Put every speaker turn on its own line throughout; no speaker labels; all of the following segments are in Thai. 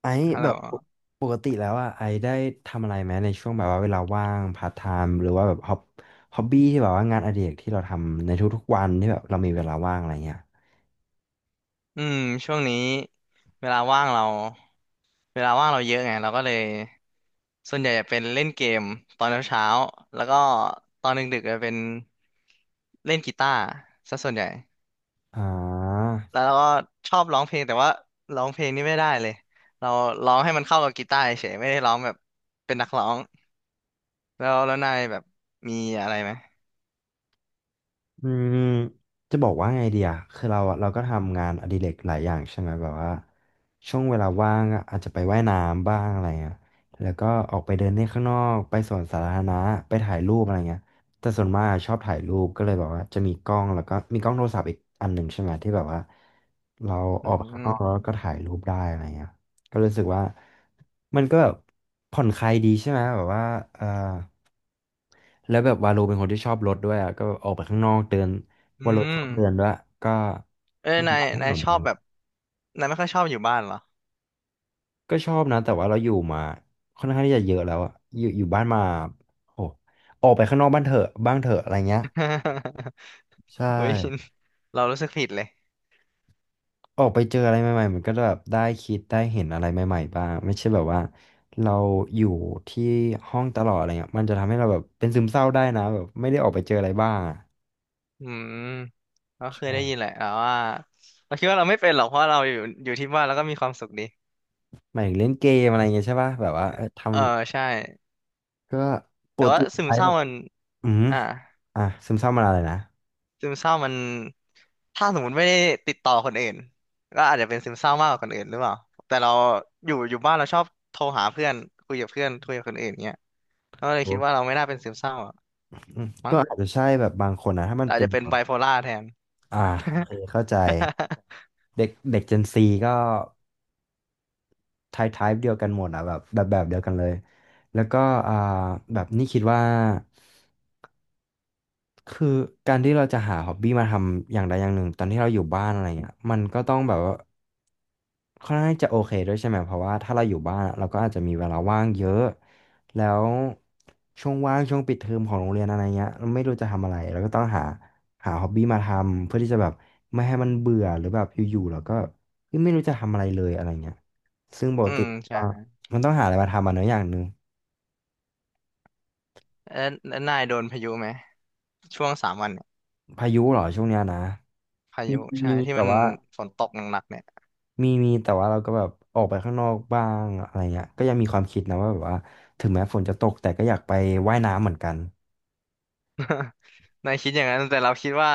ไอ้
ฮัล
แบ
โหล
บปกติแล้วอ่ะไอ้ได้ทำอะไรไหมในช่วงแบบว่าเวลาว่างพาร์ทไทม์หรือว่าแบบฮอบบี้ที่แบบว่างานอดิเรกที่เราทำในทุกๆวันที่แบบเรามีเวลาว่างอะไรเงี้ย
อืมช่วงนี้เวลาว่างเราเวลาว่างเราเยอะไงเราก็เลยส่วนใหญ่จะเป็นเล่นเกมตอนเช้าๆแล้วก็ตอนดึกๆจะเป็นเล่นกีตาร์ซะส่วนใหญ่
อ่า
แล้วเราก็ชอบร้องเพลงแต่ว่าร้องเพลงนี่ไม่ได้เลยเราร้องให้มันเข้ากับกีตาร์เฉยไม่ได้ร้องแบบเป็นนักร้องแล้วนายแบบมีอะไรไหม
อืมจะบอกว่าไงเดียคือเราก็ทำงานอดิเรกหลายอย่างใช่ไหมแบบว่าช่วงเวลาว่างอะอาจจะไปว่ายน้ำบ้างอะไรเงี้ยแล้วก็ออกไปเดินเล่นข้างนอกไปสวนสาธารณะไปถ่ายรูปอะไรเงี้ยแต่ส่วนมากอะชอบถ่ายรูปก็เลยแบบว่าจะมีกล้องแล้วก็มีกล้องโทรศัพท์อีกอันหนึ่งใช่ไหมที่แบบว่าเราอ
อื
อกไปข้างนอกแล้
ม
วก็ถ่ายรูปได้อะไรเงี้ยก็รู้สึกว่ามันก็แบบผ่อนคลายดีใช่ไหมแบบว่าเออ แล้วแบบวาโลเป็นคนที่ชอบรถด้วยอ่ะก็ออกไปข้างนอกเดินวา
อื
โลชอบ
ม
เดินด้วยก็
เอ้ย
เดิน
นาย
ตามถ
นา
น
ย
น
ช
อะ
อ
ไหม
บแบบนายไม่ค่อยชอบอยู่บ้านเหรอ
ก็ชอบนะแต่ว่าเราอยู่มาค่อนข้างที่จะเยอะแล้วอะอยู่บ้านมาโอ้ออกไปข้างนอกบ้านเถอะบ้างเถอะอะไรเงี้ยใช่
โอ้ ยเรารู้สึกผิดเลย
ออกไปเจออะไรใหม่ๆมันก็แบบได้คิดได้เห็นอะไรใหม่ๆบ้างไม่ใช่แบบว่าเราอยู่ที่ห้องตลอดอะไรเงี้ยมันจะทำให้เราแบบเป็นซึมเศร้าได้นะแบบไม่ได้ออกไปเจออะไรบ้างอะ
อืมก็เคยได้ยิน
ใช่
แหละแต่ว่าเราคิดว่าเราไม่เป็นหรอกเพราะเราอยู่ที่บ้านแล้วก็มีความสุขดี
หมายถึงเล่นเกมอะไรเงี้ยใช่ป่ะแบบว่าเออท
เออใช่
ก็ป
แต่
ก
ว่า
ติ
ซึม
ไล
เศ
ฟ์แบ
ร้า
บ
มัน
อืม
อ่า
อ่ะซึมเศร้ามันอะไรนะ
ซึมเศร้ามันถ้าสมมติไม่ได้ติดต่อคนอื่นก็อาจจะเป็นซึมเศร้ามากกว่าคนอื่นหรือเปล่าแต่เราอยู่บ้านเราชอบโทรหาเพื่อนคุยกับเพื่อนคุยกับคนอื่นเงี้ยก็เลย
โอ้
คิดว่าเราไม่น่าเป็นซึมเศร้าอะ
อืม
มั้
ก็
ง
อาจจะใช่แบบบางคนนะถ้ามัน
แต่อาจ
เป็น
จะเป็น
แบบ
ไบโพล่าแทน
อ่าโอเคเข้าใจ เด็กเด็กเจนซีก็ไทป์เดียวกันหมดอ่ะแบบเดียวกันเลย แล้วก็อ่าแบบนี่คิดว่า คือการที่เราจะหาฮอบบี้มาทำอย่างใดอย่างหนึ่งตอนที่เราอยู่บ้านอะไรเงี้ยมันก็ต้องแบบว่าค่อนข้างจะโอเคด้วยใช่ไหมเพราะว่าถ้าเราอยู่บ้านอะเราก็อาจจะมีเวลาว่างเยอะแล้วช่วงว่างช่วงปิดเทอมของโรงเรียนอะไรเงี้ยเราไม่รู้จะทำอะไรเราก็ต้องหาฮอบบี้มาทำเพื่อที่จะแบบไม่ให้มันเบื่อหรือแบบอยู่ๆเราก็เฮ้ยไม่รู้จะทำอะไรเลยอะไรเงี้ยซึ่งป ก
อื
ติ
ม
ก็
ใช่
มันต้องหาอะไรมาทำอ่ะเนอะอย่างหนึ่ง
แล้วนายโดนพายุไหมช่วงสามวันเนี่ย
พายุเหรอช่วงเนี้ยนะ
พา
มี
ยุใช่
มี
ที่
แต่
มัน
ว่า
ฝนตกหนักๆเนี่ย
มีมีแต่ว่าเราก็แบบออกไปข้างนอกบ้างอะไรเงี้ยก็ยังมีความคิดนะว่าแบบว่าถึงแม้ฝนจะตกแต่ก็อยากไปว่ายน้ำเหมือนกัน
นายคิดอย่างนั้นแต่เราคิดว่า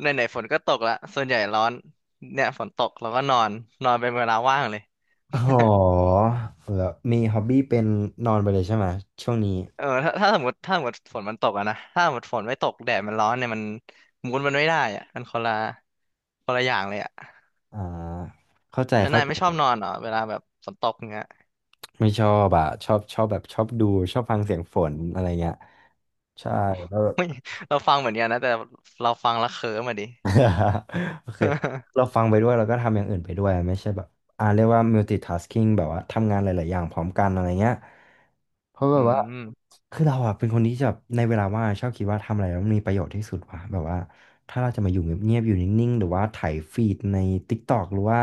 ไหนๆฝนก็ตกละส่วนใหญ่ร้อนเนี่ยฝนตกเราก็นอนนอนเป็นเวลาว่างเลย
อ๋อ แล้วมีฮ็อบบี้เป็นนอนไปเลยใช่ไหมช่วงนี้
เออถ้าสมมติถ้าสมมติฝนมันตกอะนะถ้าสมมติฝนไม่ตกแดดมันร้อนเนี่ยมันมูดมันไม่ได้อะมันคนละอย่างเลยอะ
อ่าเข้าใจ
แล้ว
เข้า
นาย
ใจ
ไม่ชอบนอนเหรอเวลาแบบฝนตกอย่างเงี้ย
ไม่ชอบอ่ะชอบดูชอบฟังเสียงฝนอะไรเงี้ยใช่
อ๋อ
แล้ว
ไม่เราฟังเหมือนกันนะแต่เราฟังแล้วเคิร์มอะดิ
โอเคเราฟังไปด้วยเราก็ทำอย่างอื่นไปด้วยไม่ใช่แบบอ่าเรียกว่า multitasking แบบว่าทำงานหลายๆอย่างพร้อมกันอะไรเงี้ยเพราะ แบ
อื
บว่า
ม
คือเราอะเป็นคนที่จะแบบในเวลาว่างชอบคิดว่าทำอะไรแล้วมันมีประโยชน์ที่สุดว่ะแบบว่าถ้าเราจะมาอยู่เงียบๆอยู่นิ่งๆหรือว่าไถ่ายฟีดใน TikTok หรือว่า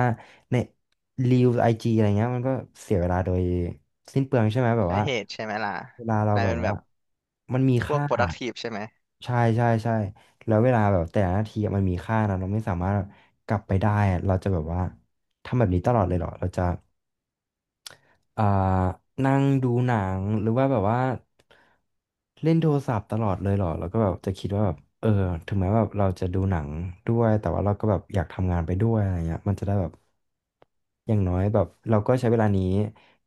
ในรีวไอจีอะไรเงี้ยมันก็เสียเวลาโดยสิ้นเปลืองใช่ไหมแบบ
ใช่
ว่า
เหตุใช่ไหมล่ะ
เวลาเรา
นาย
แบบ
เป็นแบ
ว่า
บ
มันมี
พวก
ค่า
productive ใช่ไหม
ใช่ แล้วเวลาแบบแต่ละนาทีอะมันมีค่านะเราไม่สามารถแบบกลับไปได้อะเราจะแบบว่าทำแบบนี้ตลอดเลยเหรอเราจะ อ่านั่งดูหนังหรือว่าแบบว่าเล่นโทรศัพท์ตลอดเลยเหรอแล้วก็แบบจะคิดว่าแบบเออถึงแม้แบบเราจะดูหนังด้วยแต่ว่าเราก็แบบอยากทำงานไปด้วยอะไรเงี้ยมันจะได้แบบอย่างน้อยแบบเราก็ใช้เวลานี้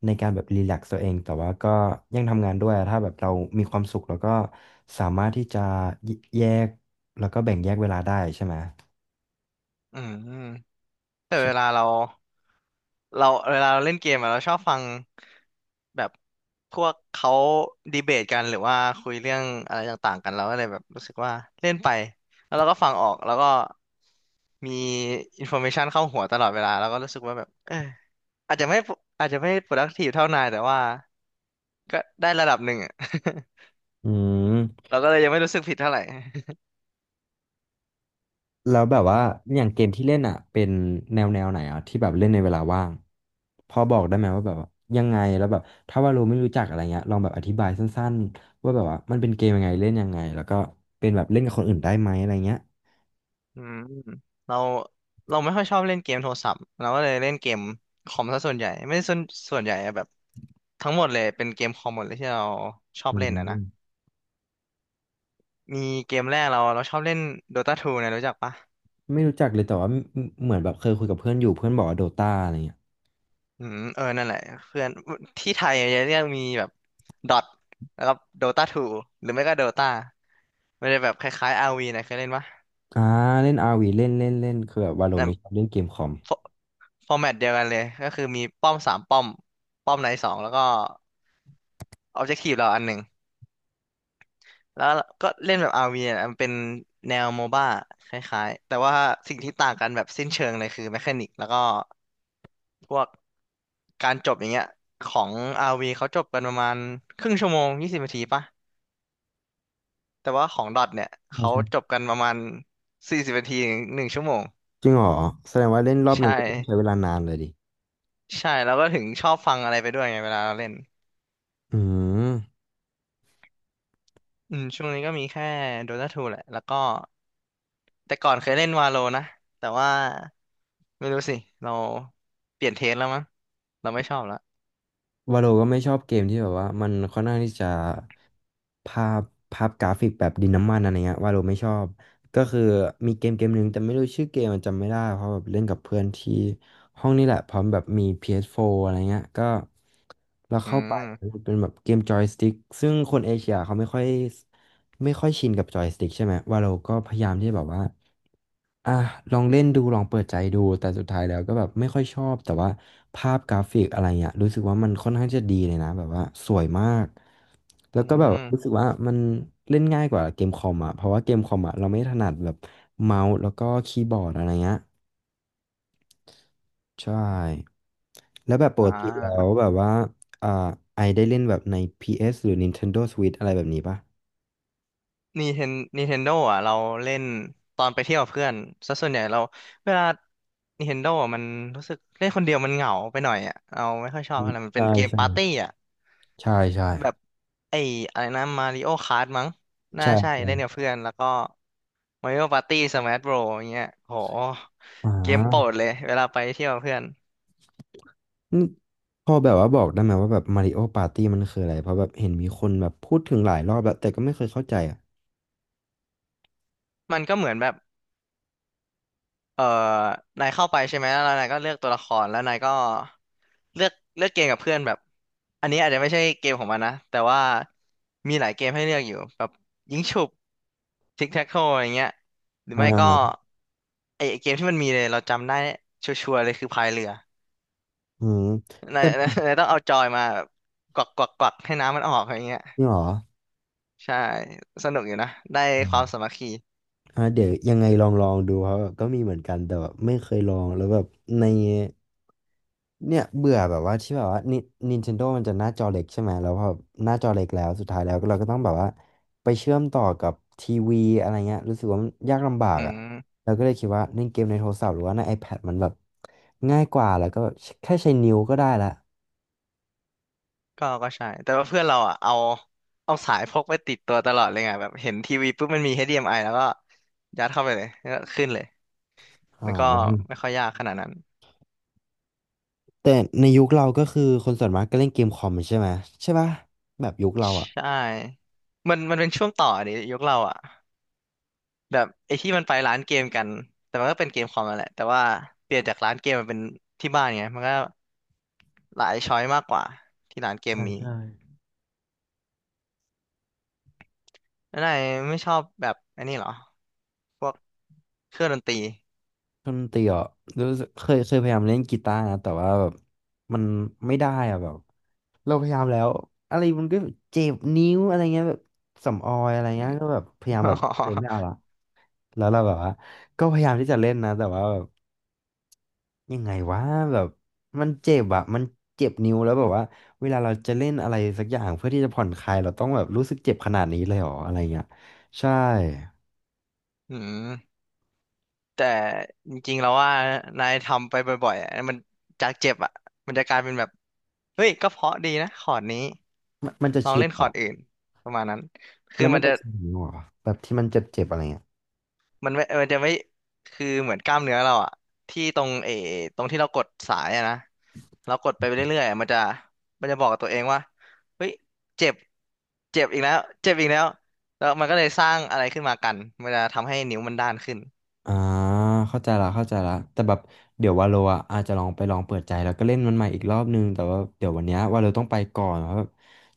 ในการแบบรีแลกซ์ตัวเองแต่ว่าก็ยังทำงานด้วยถ้าแบบเรามีความสุขแล้วก็สามารถที่จะแยกแล้วก็แบ่งแยกเวลาได้ใช่ไหม
อืมแต่เวลา
ใช่
เรา เราเวลาเราเล่นเกมอะเราชอบฟังแบบพวกเขาดีเบตกันหรือว่าคุยเรื่องอะไรต่างๆกันเราก็เลยแบบรู้สึกว่าเล่นไปแล้วเราก็ฟังออกแล้วก็มีอินโฟ a t ชันเข้าหัวตลอดเวลาแล้วก็รู้สึกว่าแบบเอออาจจะไม่อาจจะไม่ productive เท่านายแต่ว่าก็ได้ระดับหนึ่งอะ
อืม
เราก็เลยยังไม่รู้สึกผิดเท่าไหร่
แล้วแบบว่าอย่างเกมที่เล่นอ่ะเป็นแนวไหนอ่ะที่แบบเล่นในเวลาว่างพอบอกได้ไหมว่าแบบว่ายังไงแล้วแบบถ้าว่าเราไม่รู้จักอะไรเงี้ยลองแบบอธิบายสั้นๆว่าแบบว่ามันเป็นเกมยังไงเล่นยังไงแล้วก็เป็นแบบเล่นกับคนอื่นได้ไหมอะไรเงี้ย
อืมเราเราไม่ค่อยชอบเล่นเกมโทรศัพท์เราก็เลยเล่นเกมคอมซะส่วนใหญ่ไม่ได้ส่วนส่วนใหญ่อะแบบทั้งหมดเลยเป็นเกมคอมหมดเลยที่เราชอบ
อื
เล่นอ่ะนะ
ม
มีเกมแรกเราชอบเล่น Dota ทูนะรู้จักปะ
ไม่รู้จักเลยแต่ว่าเหมือนแบบเคยคุยกับเพื่อนอยู่เพื่อนบอกว่าโดตาอะไรเงี้ย
อืมเออนั่นแหละเพื่อนที่ไทยจะเรียกมีแบบดอทแล้วก็โดตาทูหรือไม่ก็ Dota มันจะแบบคล้ายๆ r ีนะเคยเล่นปะ
อ่าเล่นอาร์วีเล่นเล่นเล่นคือแบบว่าเรา
แต่
ไม่ชอบเล่นเกมคอม
ฟอฟอร์แมตเดียวกันเลยก็คือมีป้อมสามป้อมป้อมไหนสองแล้วก็ออบเจกตีฟเราอันหนึ่ง แล้วก็เล่นแบบ RV เนี่ยมันเป็นแนวโมบ้าคล้ายๆแต่ว่าสิ่งที่ต่างกันแบบสิ้นเชิงเลยคือแมคานิกแล้วก็พวกการจบอย่างเงี้ยของ RV เขาจบกันประมาณครึ่งชั่วโมงยี่สิบนาทีปะแต่ว่าของดอทเนี่ย
ใช่
เขา
ใช่
จบกันประมาณสี่สิบนาทีถึงหนึ่งชั่วโมง
จริงเหรอแสดงว่าเล่นรอบห
ใช่
นึ่งก็ต้องใช้เวลานานเลยดิ
ใช่แล้วก็ถึงชอบฟังอะไรไปด้วยไงเวลาเราเล่น
อืม
อืมช่วงนี้ก็มีแค่โดตาทูแหละ แล้วก็แต่ก่อนเคยเล่นวาโลนะ แต่ว่าไม่รู้สิเราเปลี่ยนเทสแล้วมั้งเราไม่ชอบแล้ว
วาโลก็ไม่ชอบเกมที่แบบว่ามันค่อนข้างที่จะภาพภาพกราฟิกแบบดินน้ำมันอะไรเงี้ยวาโลไม่ชอบก็คือมีเกมหนึ่งแต่ไม่รู้ชื่อเกมมันจำไม่ได้เพราะแบบเล่นกับเพื่อนที่ห้องนี่แหละพร้อมแบบมี PS4 อสโฟร์อะไรเงี้ยก็เรา
อื
เข้าไป
ม
เป็นแบบเกมจอยสติ๊กซึ่งคนเอเชียเขาไม่ค่อยชินกับจอยสติ๊กใช่ไหมวาโลก็พยายามที่จะแบบว่า อ่ะลองเล่นดูลองเปิดใจดูแต่สุดท้ายแล้วก็แบบไม่ค่อยชอบแต่ว่าภาพกราฟิกอะไรเงี้ยรู้สึกว่ามันค่อนข้างจะดีเลยนะแบบว่าสวยมากแล้
อื
วก็อแบบรู้สึ
ม
กว่ามันเล่นง่ายกว่าเกมคอมอ่ะเพราะว่าเกมคอมอ่ะเราไม่ถนัดแบบเมาส์แล้วก็คีย์บอร์ดอะไรเงี้ยใช่แล้วแบบป
อ่
กติแล้ว
า
แบบว่าอ่าไอได้เล่นแบบในพีเอสหรือ Nintendo Switch อะไรแบบนี้ปะ
นีเทนโดอ่ะเราเล่นตอนไปเที่ยวกับเพื่อนซะส่วนใหญ่เราเวลา Nintendo อ่ะมันรู้สึกเล่นคนเดียวมันเหงาไปหน่อยอ่ะเราไม่ค่อยชอบเท่าไหร่มันเป็
ใช่
นเกม
ใช่
ปาร์ตี้อ่ะ
ใช่ใช่
แบบไอ้อะไรนะมาริโอคาร์มั้งน่า
ใช่
ใช่
ใช่
เล่นกับเพื่อนแล้วก็มาริโอปาร์ตี้สมาร์ทโบรอย่างเงี้ยโห
อ่า
เกมโปรดเลยเวลาไปเที่ยวกับเพื่อน
อืมพอแบบว่าบอกได้ไหมว่าแบบมาริโอปาร์ตี้มันคืออะไรเพราะแบบเห็นมีคนแบบพูดถึงหลายรอบแล้วแต่ก็ไม่เคยเข้าใจอ่ะ
มันก็เหมือนแบบเออนายเข้าไปใช่ไหมแล้วนายก็เลือกตัวละครแล้วนายก็เลือกเกมกับเพื่อนแบบอันนี้อาจจะไม่ใช่เกมของมันนะแต่ว่ามีหลายเกมให้เลือกอยู่แบบยิงฉุบทิกแท็กโทอย่างเงี้ยหรือ
อ่
ไม่ก็
า
ไอ้เกมที่มันมีเลยเราจำได้ชัวร์ๆเลยคือพายเรือ
อืม
นา
แต่
ยนายนายต้องเอาจอยมาแบบกวักให้น้ำมันออกอะไรเงี้ย
นี่หรอ
ใช่สนุกอยู่นะได้
อื
ควา
ม
มสามัคคี
อ่าเดี๋ยวยังไงลองดูครับแบบก็มีเหมือนกันแต่แบบไม่เคยลองแล้วแบบใน เนี่ยเบื่อแบบว่าที่แบบว่านิ Nintendo มันจะหน้าจอเล็กใช่ไหมแล้วพอหน้าจอเล็กแล้วสุดท้ายแล้วก็เราก็ต้องแบบว่าไปเชื่อมต่อกับทีวีอะไรเงี้ยรู้สึกว่ามันยากลำบา
อื
กอ่ะ
ม
เราก็เลยคิดว่าเล่นเกมในโทรศัพท์หรือว่าใน iPad มันแบบง่ายกว่าแล้วก็แค่ใช้นิ้วก็ได้ละ
ก็ใช่แต่ว่าเพื่อนเราอ่ะเอาเอาสายพกไปติดตัวตลอดเลยไงแบบเห็นทีวีปุ๊บมันมี HDMI แล้วก็ยัดเข้าไปเลยแล้วก็ขึ้นเลย
อ่
มันก็ไม่
า
ค่อยยากขนาดนั้น
แต่ในยุคเราก็คือคนส่วนมากก็เล่นเกมคอมใช่ไหมใช่ปะแบบยุคเราอ่ะ
ใช่มันเป็นช่วงต่อดิยุคเราอ่ะแบบไอ้ที่มันไปร้านเกมกันแต่มันก็เป็นเกมคอมนั่นแหละแต่ว่าเปลี่ยนจากร้านเกมมาเป็นที่บ้านไงมันก็หลายช้อยมากกว่าที่ร้านเกม
ใช่
มี
ใช่
แล้วนายไม่ชอบแบบอันนี้เหรอพวกเครื่องดนตรี
ดนตรีอ่ะรู้สึกเคยพยายามเล่นกีตาร์นะแต่ว่าแบบมันไม่ได้อ่ะแบบเราพยายามแล้วอะไรมันก็เจ็บนิ้วอะไรเงี้ยแบบสำออยอะไรเงี้ยก็แบบพยายาม
อ๋
แบบโอเคไม่เอา
อ
ละแล้วเราแบบว่าก็พยายามที่จะเล่นนะแต่ว่าแบบยังไงวะแบบมันเจ็บอ่ะมันเจ็บนิ้วแล้วแบบว่าเวลาเราจะเล่นอะไรสักอย่างเพื่อที่จะผ่อนคลายเราต้องแบบรู้สึกเจ็บขนาดนี้เลยเหรออะไรเงี้ยใช่
อืมแต่จริงๆแล้วว่านายทำไปบ่อยๆอะมันจากเจ็บอ่ะมันจะกลายเป็นแบบเฮ้ยก็เพราะดีนะคอร์ดนี้
มันจะ
ลอง
ชิน
เล่นค
เหร
อ
อ
ร์ดอื่นประมาณนั้นคื
แล้
อ
วมั
มั
น
น
จะ
จะ
ชินนิ้วเหรอแบบที่มันเจ็บๆอะไรเงี้ย
มันจะไม่คือเหมือนกล้ามเนื้อเราอะที่ตรงเออตรงที่เรากดสายอะนะเรากดไปเรื่อยๆอะมันจะบอกกับตัวเองว่าเฮ้ยเจ็บเจ็บอีกแล้วแล้วมันก็เลยสร้างอะไรขึ้นมากันมันจะทำให้นิ้วมันด้านขึ้น
อ่าเข้าใจละเข้าใจละแต่แบบเดี๋ยววาโลอ่ะอาจจะลองไปลองเปิดใจแล้วก็เล่นมันใหม่อีกรอบนึงแต่ว่าเดี๋ยววันเนี้ยวาโลต้องไปก่อนเพราะแบบ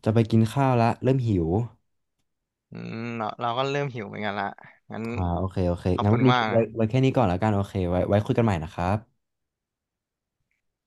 จะไปกินข้าวละเริ่มหิว
อืมเราก็เริ่มหิวเหมือนกันละงั้น
อ่าโอเคโอเค
ขอบ
งั้น
คุ
วั
ณ
นนี้
มาก
ไว้แค่นี้ก่อนแล้วกันโอเคไว้คุยกันใหม่นะครับ